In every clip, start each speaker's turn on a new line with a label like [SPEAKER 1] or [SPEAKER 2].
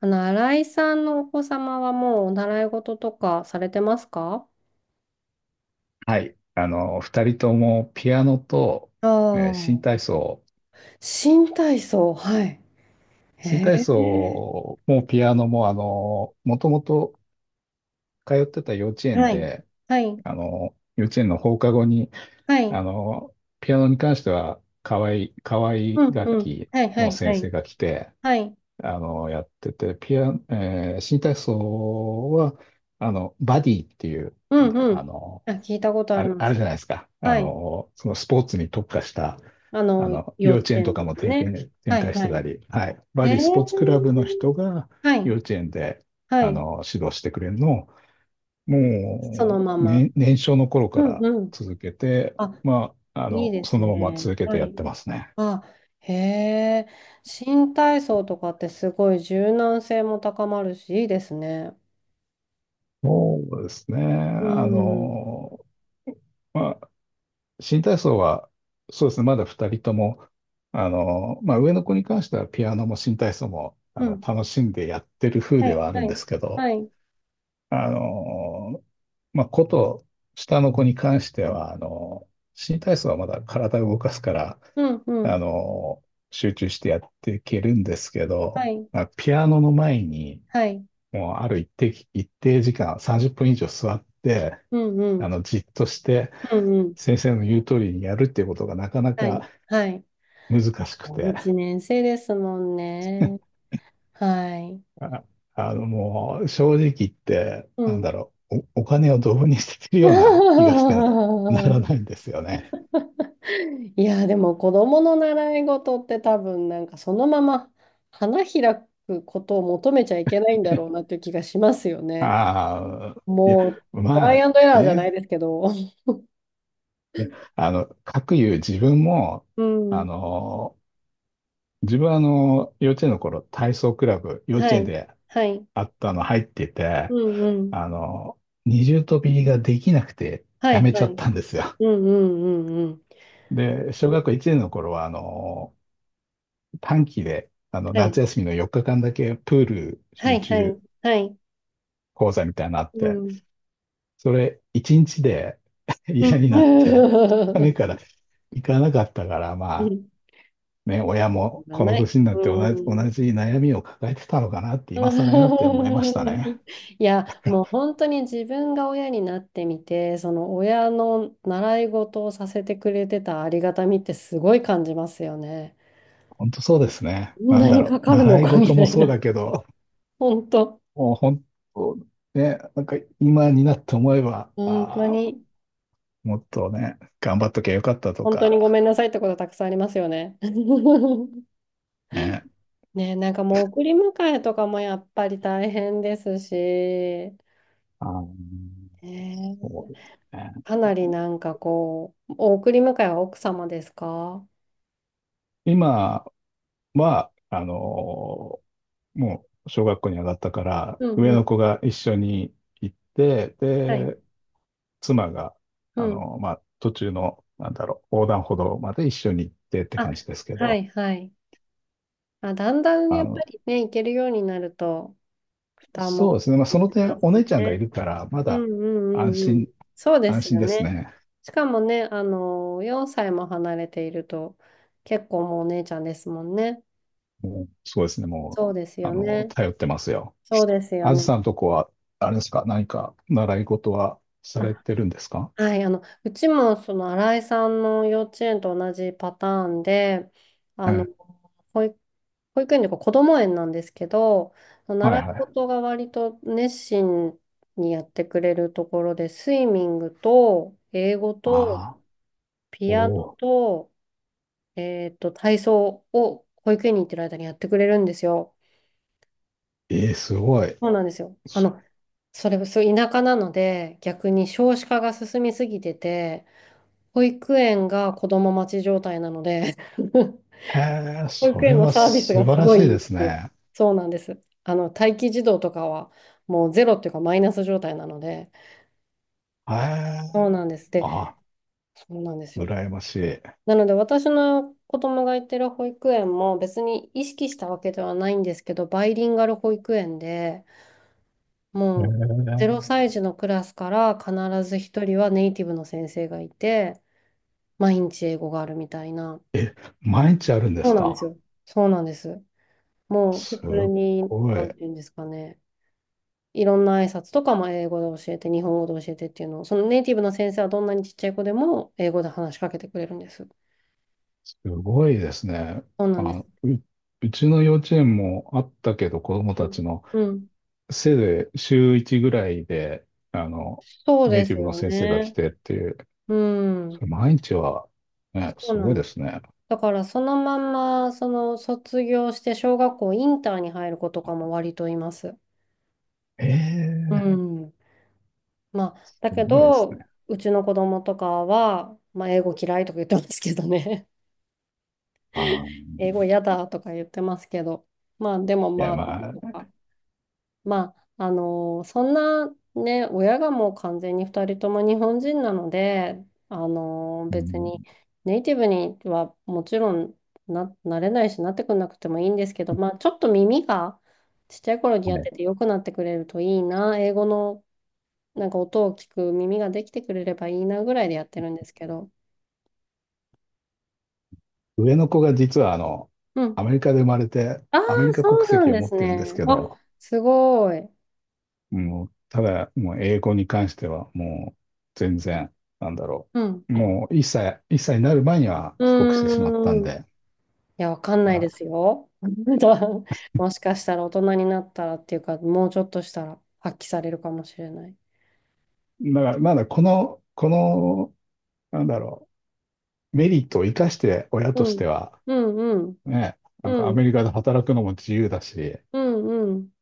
[SPEAKER 1] 新井さんのお子様はもうお習い事とかされてますか？
[SPEAKER 2] はい。二人ともピアノと、
[SPEAKER 1] あ
[SPEAKER 2] 新体
[SPEAKER 1] あ、
[SPEAKER 2] 操。
[SPEAKER 1] 新体操、はい。へ
[SPEAKER 2] 新体
[SPEAKER 1] え。
[SPEAKER 2] 操もピアノも、もともと通ってた幼稚園
[SPEAKER 1] はい。
[SPEAKER 2] で、
[SPEAKER 1] はい、
[SPEAKER 2] 幼稚園の放課後に、
[SPEAKER 1] は
[SPEAKER 2] あ
[SPEAKER 1] い、
[SPEAKER 2] の、ピアノに関しては、可愛い合、河
[SPEAKER 1] う
[SPEAKER 2] い
[SPEAKER 1] ん、
[SPEAKER 2] 楽
[SPEAKER 1] うん、
[SPEAKER 2] 器
[SPEAKER 1] はい、は
[SPEAKER 2] の
[SPEAKER 1] い、は
[SPEAKER 2] 先生
[SPEAKER 1] い、
[SPEAKER 2] が来て、
[SPEAKER 1] はい、
[SPEAKER 2] やってて、新体操は、バディっていう、
[SPEAKER 1] う
[SPEAKER 2] なんだろ
[SPEAKER 1] ん、
[SPEAKER 2] う、
[SPEAKER 1] うん。あ、聞いたことありま
[SPEAKER 2] ある
[SPEAKER 1] す。
[SPEAKER 2] じゃないですか。
[SPEAKER 1] はい。
[SPEAKER 2] そのスポーツに特化した、
[SPEAKER 1] 幼
[SPEAKER 2] 幼
[SPEAKER 1] 稚
[SPEAKER 2] 稚園と
[SPEAKER 1] 園
[SPEAKER 2] か
[SPEAKER 1] で
[SPEAKER 2] も
[SPEAKER 1] すね。
[SPEAKER 2] 展
[SPEAKER 1] はい、
[SPEAKER 2] 開し
[SPEAKER 1] は
[SPEAKER 2] てた
[SPEAKER 1] い。
[SPEAKER 2] り、はい。バ
[SPEAKER 1] へえ。
[SPEAKER 2] リースポーツクラブの人が
[SPEAKER 1] は
[SPEAKER 2] 幼
[SPEAKER 1] い、
[SPEAKER 2] 稚園で、
[SPEAKER 1] はい。
[SPEAKER 2] 指導してくれるのを、
[SPEAKER 1] その
[SPEAKER 2] も
[SPEAKER 1] ま
[SPEAKER 2] う、
[SPEAKER 1] ま。
[SPEAKER 2] ね、年少の頃
[SPEAKER 1] う
[SPEAKER 2] か
[SPEAKER 1] ん、
[SPEAKER 2] ら
[SPEAKER 1] うん。
[SPEAKER 2] 続けて、
[SPEAKER 1] あ、
[SPEAKER 2] まあ、
[SPEAKER 1] いいで
[SPEAKER 2] そ
[SPEAKER 1] す
[SPEAKER 2] のまま
[SPEAKER 1] ね。
[SPEAKER 2] 続けて
[SPEAKER 1] は
[SPEAKER 2] やっ
[SPEAKER 1] い。
[SPEAKER 2] てますね。
[SPEAKER 1] あ、へえ、新体操とかってすごい柔軟性も高まるし、いいですね。
[SPEAKER 2] そうですね。
[SPEAKER 1] うん。
[SPEAKER 2] まあ、新体操は、そうですね、まだ二人とも、まあ、上の子に関してはピアノも新体操も、
[SPEAKER 1] うん。
[SPEAKER 2] 楽しんでやってる風
[SPEAKER 1] は
[SPEAKER 2] で
[SPEAKER 1] い、
[SPEAKER 2] はある
[SPEAKER 1] は
[SPEAKER 2] んで
[SPEAKER 1] い、
[SPEAKER 2] すけ
[SPEAKER 1] は
[SPEAKER 2] ど、
[SPEAKER 1] い。
[SPEAKER 2] あの、まあ、下の子に関しては、新体操はまだ体を動かすから、
[SPEAKER 1] うん、う
[SPEAKER 2] あ
[SPEAKER 1] ん。
[SPEAKER 2] の、集中してやっていけるんですけ
[SPEAKER 1] は
[SPEAKER 2] ど、
[SPEAKER 1] い、
[SPEAKER 2] まあ、ピアノの前に、
[SPEAKER 1] はい。
[SPEAKER 2] もうある一定時間、30分以上座って、
[SPEAKER 1] うん、うん。
[SPEAKER 2] じっとして
[SPEAKER 1] うん、うん。
[SPEAKER 2] 先生の言う通りにやるっていうことがなかな
[SPEAKER 1] はい、
[SPEAKER 2] か
[SPEAKER 1] はい。
[SPEAKER 2] 難しくて、
[SPEAKER 1] 一年生ですもんね。はい。
[SPEAKER 2] あ、もう正直言って、
[SPEAKER 1] う
[SPEAKER 2] なんだ
[SPEAKER 1] ん。
[SPEAKER 2] ろう、お金をドブに捨ててるような気がして なら ないんですよね。
[SPEAKER 1] いや、でも子供の習い事って多分なんかそのまま花開くことを求めちゃいけないんだろう なという気がしますよね。
[SPEAKER 2] ああ、いや、
[SPEAKER 1] もう、トラ
[SPEAKER 2] ま
[SPEAKER 1] イ
[SPEAKER 2] あ
[SPEAKER 1] アンドエラーじゃない
[SPEAKER 2] ね、
[SPEAKER 1] ですけど。
[SPEAKER 2] いや、かくいう自分も、
[SPEAKER 1] う
[SPEAKER 2] あ
[SPEAKER 1] ん。
[SPEAKER 2] の、自分は幼稚園の頃、体操クラブ、幼
[SPEAKER 1] は
[SPEAKER 2] 稚園
[SPEAKER 1] い。
[SPEAKER 2] で
[SPEAKER 1] はい。
[SPEAKER 2] あったの入ってて、
[SPEAKER 1] うんうん。
[SPEAKER 2] あの、二重跳びができなくて
[SPEAKER 1] は
[SPEAKER 2] や
[SPEAKER 1] い、
[SPEAKER 2] めち
[SPEAKER 1] は
[SPEAKER 2] ゃっ
[SPEAKER 1] い。
[SPEAKER 2] たんですよ。
[SPEAKER 1] うんうんうんうん。
[SPEAKER 2] で、小学校1年の頃は、短期で、
[SPEAKER 1] は
[SPEAKER 2] 夏
[SPEAKER 1] い。
[SPEAKER 2] 休みの4日間だけプール
[SPEAKER 1] は
[SPEAKER 2] 集
[SPEAKER 1] い、はい。
[SPEAKER 2] 中
[SPEAKER 1] はい。
[SPEAKER 2] 講座みたいなのあっ
[SPEAKER 1] う
[SPEAKER 2] て、
[SPEAKER 1] ん。
[SPEAKER 2] それ1日で
[SPEAKER 1] う
[SPEAKER 2] 嫌になって、
[SPEAKER 1] ん。
[SPEAKER 2] 2日目から 行かなかったから、ま
[SPEAKER 1] う
[SPEAKER 2] あ、
[SPEAKER 1] ん。
[SPEAKER 2] ね、親も
[SPEAKER 1] が
[SPEAKER 2] この
[SPEAKER 1] ない。
[SPEAKER 2] 年にな
[SPEAKER 1] う
[SPEAKER 2] って同
[SPEAKER 1] ん。
[SPEAKER 2] じ悩みを抱えてたのかなって今更になって思いましたね。
[SPEAKER 1] いや、もう本当に自分が親になってみて、その親の習い事をさせてくれてたありがたみってすごい感じますよね。
[SPEAKER 2] 本当そうですね。
[SPEAKER 1] こん
[SPEAKER 2] な
[SPEAKER 1] な
[SPEAKER 2] んだ
[SPEAKER 1] に
[SPEAKER 2] ろ
[SPEAKER 1] か
[SPEAKER 2] う。
[SPEAKER 1] かるの
[SPEAKER 2] 習い
[SPEAKER 1] かみ
[SPEAKER 2] 事
[SPEAKER 1] た
[SPEAKER 2] も
[SPEAKER 1] い
[SPEAKER 2] そう
[SPEAKER 1] な。
[SPEAKER 2] だけど、
[SPEAKER 1] 本当。
[SPEAKER 2] もう本当ね、なんか今になって思えば、
[SPEAKER 1] 本当
[SPEAKER 2] あー
[SPEAKER 1] に、
[SPEAKER 2] もっとね、頑張っときゃよかったと
[SPEAKER 1] 本当
[SPEAKER 2] か、
[SPEAKER 1] にごめんなさいってことたくさんありますよね。
[SPEAKER 2] ね。
[SPEAKER 1] ね、なんかもう送り迎えとかもやっぱり大変ですし、
[SPEAKER 2] あー
[SPEAKER 1] ね、
[SPEAKER 2] そうですね。
[SPEAKER 1] かなりなんかこう、お送り迎えは奥様ですか？
[SPEAKER 2] 今は、もう小学校に上がったから、
[SPEAKER 1] うんう
[SPEAKER 2] 上の
[SPEAKER 1] ん。
[SPEAKER 2] 子が一緒に行って、
[SPEAKER 1] はい。
[SPEAKER 2] で、妻が、
[SPEAKER 1] うん。
[SPEAKER 2] まあ、途中の、なんだろう、横断歩道まで一緒に行ってって
[SPEAKER 1] あ、
[SPEAKER 2] 感じですけ
[SPEAKER 1] は
[SPEAKER 2] ど、
[SPEAKER 1] いはい。あ、だんだんや
[SPEAKER 2] あ
[SPEAKER 1] っぱ
[SPEAKER 2] の、
[SPEAKER 1] りね、行けるようになると、負担
[SPEAKER 2] そ
[SPEAKER 1] も
[SPEAKER 2] うですね。まあ、そ
[SPEAKER 1] 軽く
[SPEAKER 2] の
[SPEAKER 1] なり
[SPEAKER 2] 点、
[SPEAKER 1] ます
[SPEAKER 2] お
[SPEAKER 1] よ
[SPEAKER 2] 姉ちゃんがい
[SPEAKER 1] ね。
[SPEAKER 2] るから、ま
[SPEAKER 1] うん
[SPEAKER 2] だ
[SPEAKER 1] うんう
[SPEAKER 2] 安
[SPEAKER 1] んうん。
[SPEAKER 2] 心、
[SPEAKER 1] そうで
[SPEAKER 2] 安
[SPEAKER 1] す
[SPEAKER 2] 心
[SPEAKER 1] よ
[SPEAKER 2] です
[SPEAKER 1] ね。
[SPEAKER 2] ね。
[SPEAKER 1] しかもね、4歳も離れていると、結構もうお姉ちゃんですもんね。
[SPEAKER 2] もう、そうですね。もう、
[SPEAKER 1] そうですよね。
[SPEAKER 2] 頼ってますよ。
[SPEAKER 1] そうですよ
[SPEAKER 2] あず
[SPEAKER 1] ね。
[SPEAKER 2] さんとこは、あれですか、何か習い事はされ
[SPEAKER 1] あ、
[SPEAKER 2] てるんですか？
[SPEAKER 1] はい、うちもその新井さんの幼稚園と同じパターンで、あ
[SPEAKER 2] え
[SPEAKER 1] の、
[SPEAKER 2] え、
[SPEAKER 1] 保育、保育園というか子ども園なんですけど、
[SPEAKER 2] はい
[SPEAKER 1] 習い
[SPEAKER 2] はい。
[SPEAKER 1] 事が割と熱心にやってくれるところで、スイミングと英語
[SPEAKER 2] あ
[SPEAKER 1] と
[SPEAKER 2] あ、お
[SPEAKER 1] ピアノ
[SPEAKER 2] お、
[SPEAKER 1] と、体操を保育園に行ってる間にやってくれるんですよ。
[SPEAKER 2] ええ、すごい。
[SPEAKER 1] そうなんですよ。
[SPEAKER 2] そ
[SPEAKER 1] そう、田舎なので、逆に少子化が進みすぎてて、保育園が子供待ち状態なので、
[SPEAKER 2] へえ、
[SPEAKER 1] 保
[SPEAKER 2] そ
[SPEAKER 1] 育
[SPEAKER 2] れ
[SPEAKER 1] 園の
[SPEAKER 2] は
[SPEAKER 1] サービス
[SPEAKER 2] 素
[SPEAKER 1] が
[SPEAKER 2] 晴
[SPEAKER 1] す
[SPEAKER 2] ら
[SPEAKER 1] ごい
[SPEAKER 2] し
[SPEAKER 1] い
[SPEAKER 2] い
[SPEAKER 1] いん
[SPEAKER 2] で
[SPEAKER 1] で
[SPEAKER 2] す
[SPEAKER 1] すよ。
[SPEAKER 2] ね。
[SPEAKER 1] そうなんです。待機児童とかは、もうゼロっていうかマイナス状態なので、
[SPEAKER 2] へえ、
[SPEAKER 1] そうなんです。で、
[SPEAKER 2] あ、
[SPEAKER 1] そうなんですよ。
[SPEAKER 2] 羨ましい。へ
[SPEAKER 1] なので、私の子供が行ってる保育園も別に意識したわけではないんですけど、バイリンガル保育園で、もうゼロ歳児のクラスから必ず一人はネイティブの先生がいて、毎日英語があるみたいな。
[SPEAKER 2] え、え、毎日あるんで
[SPEAKER 1] そう
[SPEAKER 2] す
[SPEAKER 1] なんです
[SPEAKER 2] か？
[SPEAKER 1] よ。そうなんです。もう普
[SPEAKER 2] す
[SPEAKER 1] 通
[SPEAKER 2] っ
[SPEAKER 1] に、
[SPEAKER 2] ご
[SPEAKER 1] な
[SPEAKER 2] い。
[SPEAKER 1] んていうんですかね。いろんな挨拶とかも英語で教えて、日本語で教えてっていうのを、そのネイティブの先生はどんなにちっちゃい子でも英語で話しかけてくれるんです。
[SPEAKER 2] すごいですね。
[SPEAKER 1] そうなんです。
[SPEAKER 2] あ、うちの幼稚園もあったけど、子供
[SPEAKER 1] う
[SPEAKER 2] た
[SPEAKER 1] ん。
[SPEAKER 2] ちの
[SPEAKER 1] うん。
[SPEAKER 2] せいぜい週1ぐらいで、あの、
[SPEAKER 1] そう
[SPEAKER 2] ネイ
[SPEAKER 1] で
[SPEAKER 2] ティ
[SPEAKER 1] す
[SPEAKER 2] ブの
[SPEAKER 1] よ
[SPEAKER 2] 先生が来
[SPEAKER 1] ね。
[SPEAKER 2] てっていう、
[SPEAKER 1] う
[SPEAKER 2] そ
[SPEAKER 1] ん。
[SPEAKER 2] れ毎日は、ね、
[SPEAKER 1] そう
[SPEAKER 2] す
[SPEAKER 1] な
[SPEAKER 2] ご
[SPEAKER 1] ん
[SPEAKER 2] い
[SPEAKER 1] で
[SPEAKER 2] で
[SPEAKER 1] す。
[SPEAKER 2] すね。
[SPEAKER 1] だからそのまんま、その卒業して小学校インターに入る子とかも割といます。
[SPEAKER 2] え
[SPEAKER 1] う
[SPEAKER 2] え、
[SPEAKER 1] ん。まあ、
[SPEAKER 2] す
[SPEAKER 1] だけ
[SPEAKER 2] ごいですね。
[SPEAKER 1] ど、うちの子供とかは、まあ、英語嫌いとか言ってますけどね。
[SPEAKER 2] あー、い
[SPEAKER 1] 英語嫌だとか言ってますけど。まあ、でも
[SPEAKER 2] や、
[SPEAKER 1] まあ、
[SPEAKER 2] まあ、
[SPEAKER 1] そんなね、親がもう完全に2人とも日本人なので、あの
[SPEAKER 2] う
[SPEAKER 1] 別
[SPEAKER 2] ん、
[SPEAKER 1] にネイティブにはもちろんなれないし、なってくなくてもいいんですけど、まあ、ちょっと耳がちっちゃい頃に
[SPEAKER 2] は
[SPEAKER 1] やって
[SPEAKER 2] い。
[SPEAKER 1] て良くなってくれるといいな、英語のなんか音を聞く耳ができてくれればいいなぐらいでやってるんですけど。
[SPEAKER 2] 上の子が実は、
[SPEAKER 1] うん。
[SPEAKER 2] アメリカで生まれて、
[SPEAKER 1] ああ、
[SPEAKER 2] アメリカ
[SPEAKER 1] そ
[SPEAKER 2] 国
[SPEAKER 1] うなん
[SPEAKER 2] 籍を
[SPEAKER 1] で
[SPEAKER 2] 持っ
[SPEAKER 1] す
[SPEAKER 2] てるんです
[SPEAKER 1] ね。
[SPEAKER 2] け
[SPEAKER 1] あ、
[SPEAKER 2] ど、
[SPEAKER 1] すごい。
[SPEAKER 2] もう、ただ、もう英語に関しては、もう全然、なんだろ
[SPEAKER 1] うん。
[SPEAKER 2] う。もう1歳になる前には
[SPEAKER 1] う
[SPEAKER 2] 帰国してしまったん
[SPEAKER 1] ーん。い
[SPEAKER 2] で、
[SPEAKER 1] や、わかん
[SPEAKER 2] だか
[SPEAKER 1] ないで
[SPEAKER 2] ら、
[SPEAKER 1] すよ。もしかしたら大人になったらっていうか、もうちょっとしたら発揮されるかもしれない。
[SPEAKER 2] だからまだこの、なんだろう、メリットを生かして親と
[SPEAKER 1] う
[SPEAKER 2] して
[SPEAKER 1] ん。
[SPEAKER 2] は、
[SPEAKER 1] うんうん。
[SPEAKER 2] ね、なんか
[SPEAKER 1] う
[SPEAKER 2] アメ
[SPEAKER 1] ん。
[SPEAKER 2] リカで働くのも自由だし、
[SPEAKER 1] うんうん。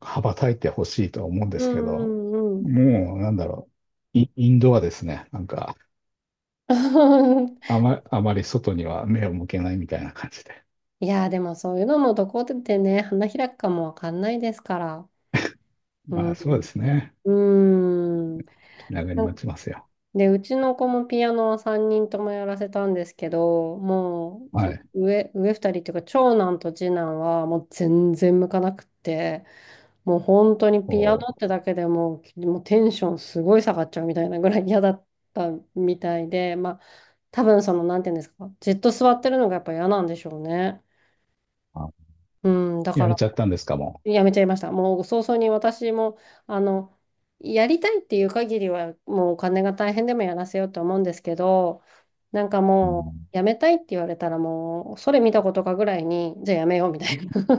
[SPEAKER 2] 羽ばたいてほしいとは思うんで
[SPEAKER 1] う
[SPEAKER 2] すけど、
[SPEAKER 1] んうんうん。
[SPEAKER 2] もう、なんだろう、イインドはですね、なんか、あまり外には目を向けないみたいな感じで。
[SPEAKER 1] いやー、でもそういうのもどこでね、花開くかもわかんないですから。う
[SPEAKER 2] まあ、そう
[SPEAKER 1] ん。
[SPEAKER 2] ですね。
[SPEAKER 1] うん。
[SPEAKER 2] 気長に
[SPEAKER 1] なん
[SPEAKER 2] 待ちますよ。
[SPEAKER 1] で、うちの子もピアノは3人ともやらせたんですけど、もう、
[SPEAKER 2] は
[SPEAKER 1] そ
[SPEAKER 2] い。
[SPEAKER 1] 上、上2人っていうか、長男と次男はもう全然向かなくって、もう本当に
[SPEAKER 2] お
[SPEAKER 1] ピア
[SPEAKER 2] ー、
[SPEAKER 1] ノってだけでもうテンションすごい下がっちゃうみたいなぐらい嫌だったみたいで、まあ、多分その、なんていうんですか、じっと座ってるのがやっぱ嫌なんでしょうね。
[SPEAKER 2] あ、
[SPEAKER 1] うん、だか
[SPEAKER 2] やめ
[SPEAKER 1] ら
[SPEAKER 2] ちゃったんですか、も
[SPEAKER 1] やめちゃいました。もう早々に私も、あの、やりたいっていう限りは、もうお金が大変でもやらせようと思うんですけど、なんか
[SPEAKER 2] う？う
[SPEAKER 1] も
[SPEAKER 2] ん、
[SPEAKER 1] う、やめたいって言われたらもう、それ見たことかぐらいに、じゃあやめようみたいな。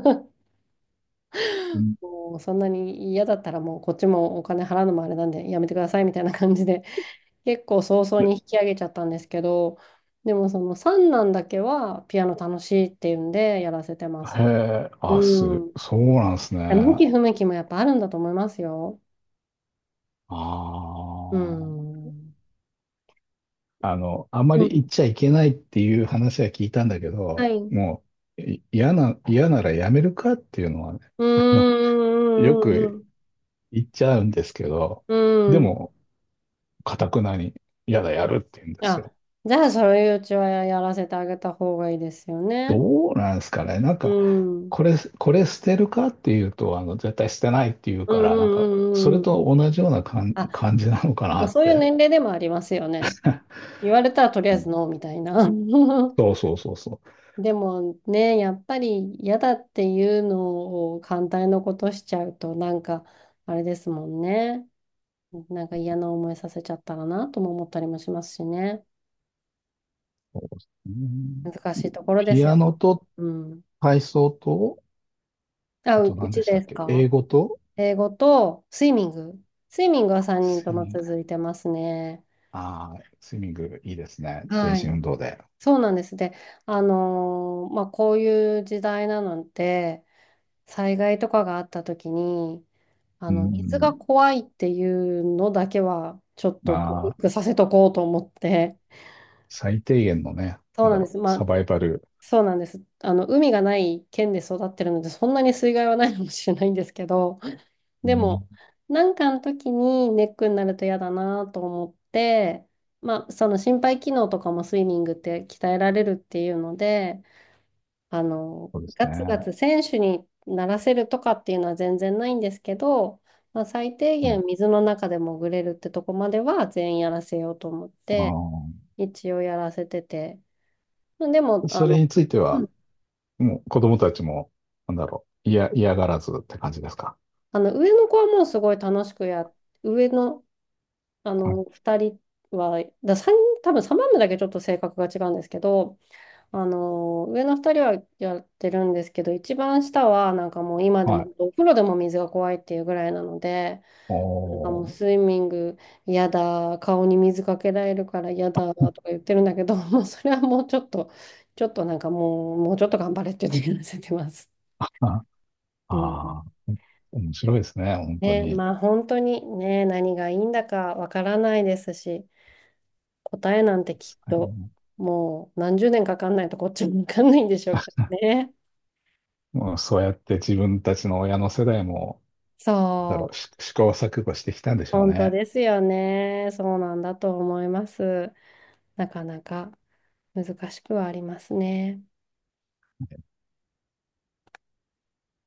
[SPEAKER 1] もうそんなに嫌だったらもうこっちもお金払うのもあれなんでやめてくださいみたいな感じで結構早々に引き上げちゃったんですけど、でもその三男だけはピアノ楽しいっていうんでやらせてます。
[SPEAKER 2] へえ、あ、
[SPEAKER 1] うん。
[SPEAKER 2] そうなんですね。
[SPEAKER 1] 向
[SPEAKER 2] あ
[SPEAKER 1] き不向きもやっぱあるんだと思いますよ。
[SPEAKER 2] あ。
[SPEAKER 1] うん。
[SPEAKER 2] あま
[SPEAKER 1] う
[SPEAKER 2] り
[SPEAKER 1] ん、
[SPEAKER 2] 言っちゃいけないっていう話は聞いたんだけ
[SPEAKER 1] は
[SPEAKER 2] ど、
[SPEAKER 1] い。う
[SPEAKER 2] もう、い嫌な、嫌ならやめるかっていうのはね、
[SPEAKER 1] ー
[SPEAKER 2] あの、よ
[SPEAKER 1] ん、う
[SPEAKER 2] く
[SPEAKER 1] ん、
[SPEAKER 2] 言っちゃうんですけど、
[SPEAKER 1] うん、う
[SPEAKER 2] で
[SPEAKER 1] ん。
[SPEAKER 2] も、かたくなに、嫌だ、やるって言うんですよ。
[SPEAKER 1] あ、じゃあ、そういううちはやらせてあげた方がいいですよね。
[SPEAKER 2] どうなんですかね。なん
[SPEAKER 1] う
[SPEAKER 2] か、
[SPEAKER 1] ん、うん、
[SPEAKER 2] これ捨てるかっていうと、絶対捨てないっていう
[SPEAKER 1] う
[SPEAKER 2] から、なんか、
[SPEAKER 1] ん、
[SPEAKER 2] そ
[SPEAKER 1] うんう
[SPEAKER 2] れ
[SPEAKER 1] ん。
[SPEAKER 2] と同じような
[SPEAKER 1] あ、
[SPEAKER 2] 感じなのかな
[SPEAKER 1] まあ、
[SPEAKER 2] っ
[SPEAKER 1] そういう
[SPEAKER 2] て。
[SPEAKER 1] 年齢でもありますよね。言われたらとりあ
[SPEAKER 2] う
[SPEAKER 1] え
[SPEAKER 2] ん、
[SPEAKER 1] ずノーみたいな。
[SPEAKER 2] そうそうそうそう。
[SPEAKER 1] でもね、やっぱり嫌だっていうのを反対のことしちゃうと、なんか、あれですもんね。なんか嫌な思いさせちゃったらなとも思ったりもしますしね。
[SPEAKER 2] そうですね。
[SPEAKER 1] 難しいところで
[SPEAKER 2] ピ
[SPEAKER 1] す
[SPEAKER 2] ア
[SPEAKER 1] よ。
[SPEAKER 2] ノと
[SPEAKER 1] うん。
[SPEAKER 2] 体操と、
[SPEAKER 1] あ、
[SPEAKER 2] あ
[SPEAKER 1] う、
[SPEAKER 2] と
[SPEAKER 1] う
[SPEAKER 2] 何で
[SPEAKER 1] ち
[SPEAKER 2] した
[SPEAKER 1] で
[SPEAKER 2] っ
[SPEAKER 1] す
[SPEAKER 2] け？
[SPEAKER 1] か？
[SPEAKER 2] 英語と
[SPEAKER 1] 英語とスイミング。スイミングは3人
[SPEAKER 2] ス
[SPEAKER 1] と
[SPEAKER 2] イ
[SPEAKER 1] も
[SPEAKER 2] ミング。
[SPEAKER 1] 続いてますね。
[SPEAKER 2] ああ、スイミングいいですね。全
[SPEAKER 1] は
[SPEAKER 2] 身運
[SPEAKER 1] い。
[SPEAKER 2] 動で。
[SPEAKER 1] そうなんです。で、まあ、こういう時代なので、災害とかがあった時に、
[SPEAKER 2] う
[SPEAKER 1] 水が
[SPEAKER 2] ん。
[SPEAKER 1] 怖いっていうのだけは、ちょっと
[SPEAKER 2] あ
[SPEAKER 1] 克
[SPEAKER 2] あ、
[SPEAKER 1] 服させとこうと思って。
[SPEAKER 2] 最低限のね、
[SPEAKER 1] そ
[SPEAKER 2] な
[SPEAKER 1] う
[SPEAKER 2] ん
[SPEAKER 1] な
[SPEAKER 2] だ
[SPEAKER 1] んで
[SPEAKER 2] ろ
[SPEAKER 1] す。
[SPEAKER 2] う、
[SPEAKER 1] ま
[SPEAKER 2] サ
[SPEAKER 1] あ、
[SPEAKER 2] バイバル。
[SPEAKER 1] そうなんです。海がない県で育ってるので、そんなに水害はないかもしれないんですけど、
[SPEAKER 2] う
[SPEAKER 1] で
[SPEAKER 2] ん、
[SPEAKER 1] も、なんかの時にネックになると嫌だなと思って、まあ、その心肺機能とかもスイミングって鍛えられるっていうので、
[SPEAKER 2] そうです
[SPEAKER 1] ガツガ
[SPEAKER 2] ね。
[SPEAKER 1] ツ選手にならせるとかっていうのは全然ないんですけど、まあ、最低
[SPEAKER 2] はい。
[SPEAKER 1] 限水の中で潜れるってとこまでは全員やらせようと思って、
[SPEAKER 2] あ
[SPEAKER 1] 一応やらせてて。でも、
[SPEAKER 2] あ、それについて
[SPEAKER 1] う
[SPEAKER 2] は、
[SPEAKER 1] ん
[SPEAKER 2] もう子供たちも、なんだろう、嫌がらずって感じですか？
[SPEAKER 1] 上の子はもうすごい楽しくや上の
[SPEAKER 2] はい。
[SPEAKER 1] 二人は、だ三んにん多分サ番目だけちょっと性格が違うんですけど、上の二人はやってるんですけど、一番下はなんかもう今で
[SPEAKER 2] は
[SPEAKER 1] も
[SPEAKER 2] い。
[SPEAKER 1] お風呂でも水が怖いっていうぐらいなので、なんか
[SPEAKER 2] お
[SPEAKER 1] もう
[SPEAKER 2] ー。
[SPEAKER 1] スイミング嫌だ、顔に水かけられるから嫌だとか言ってるんだけど、もうそれはもうちょっと、ちょっとなんかもう、もうちょっと頑張れって言ってわせてます。
[SPEAKER 2] あ、
[SPEAKER 1] う
[SPEAKER 2] あ
[SPEAKER 1] ん。
[SPEAKER 2] ー、面白いですね、本当
[SPEAKER 1] ね、
[SPEAKER 2] に。
[SPEAKER 1] まあ本当にね、何がいいんだかわからないですし。答えなんてきっともう何十年かかんないとこっちもわかんないんでしょうけどね。
[SPEAKER 2] もうそうやって自分たちの親の世代も、なんだ
[SPEAKER 1] そ
[SPEAKER 2] ろう、
[SPEAKER 1] う、
[SPEAKER 2] 試行錯誤してきたんでしょう
[SPEAKER 1] 本当
[SPEAKER 2] ね。
[SPEAKER 1] ですよね。そうなんだと思います。なかなか難しくはありますね。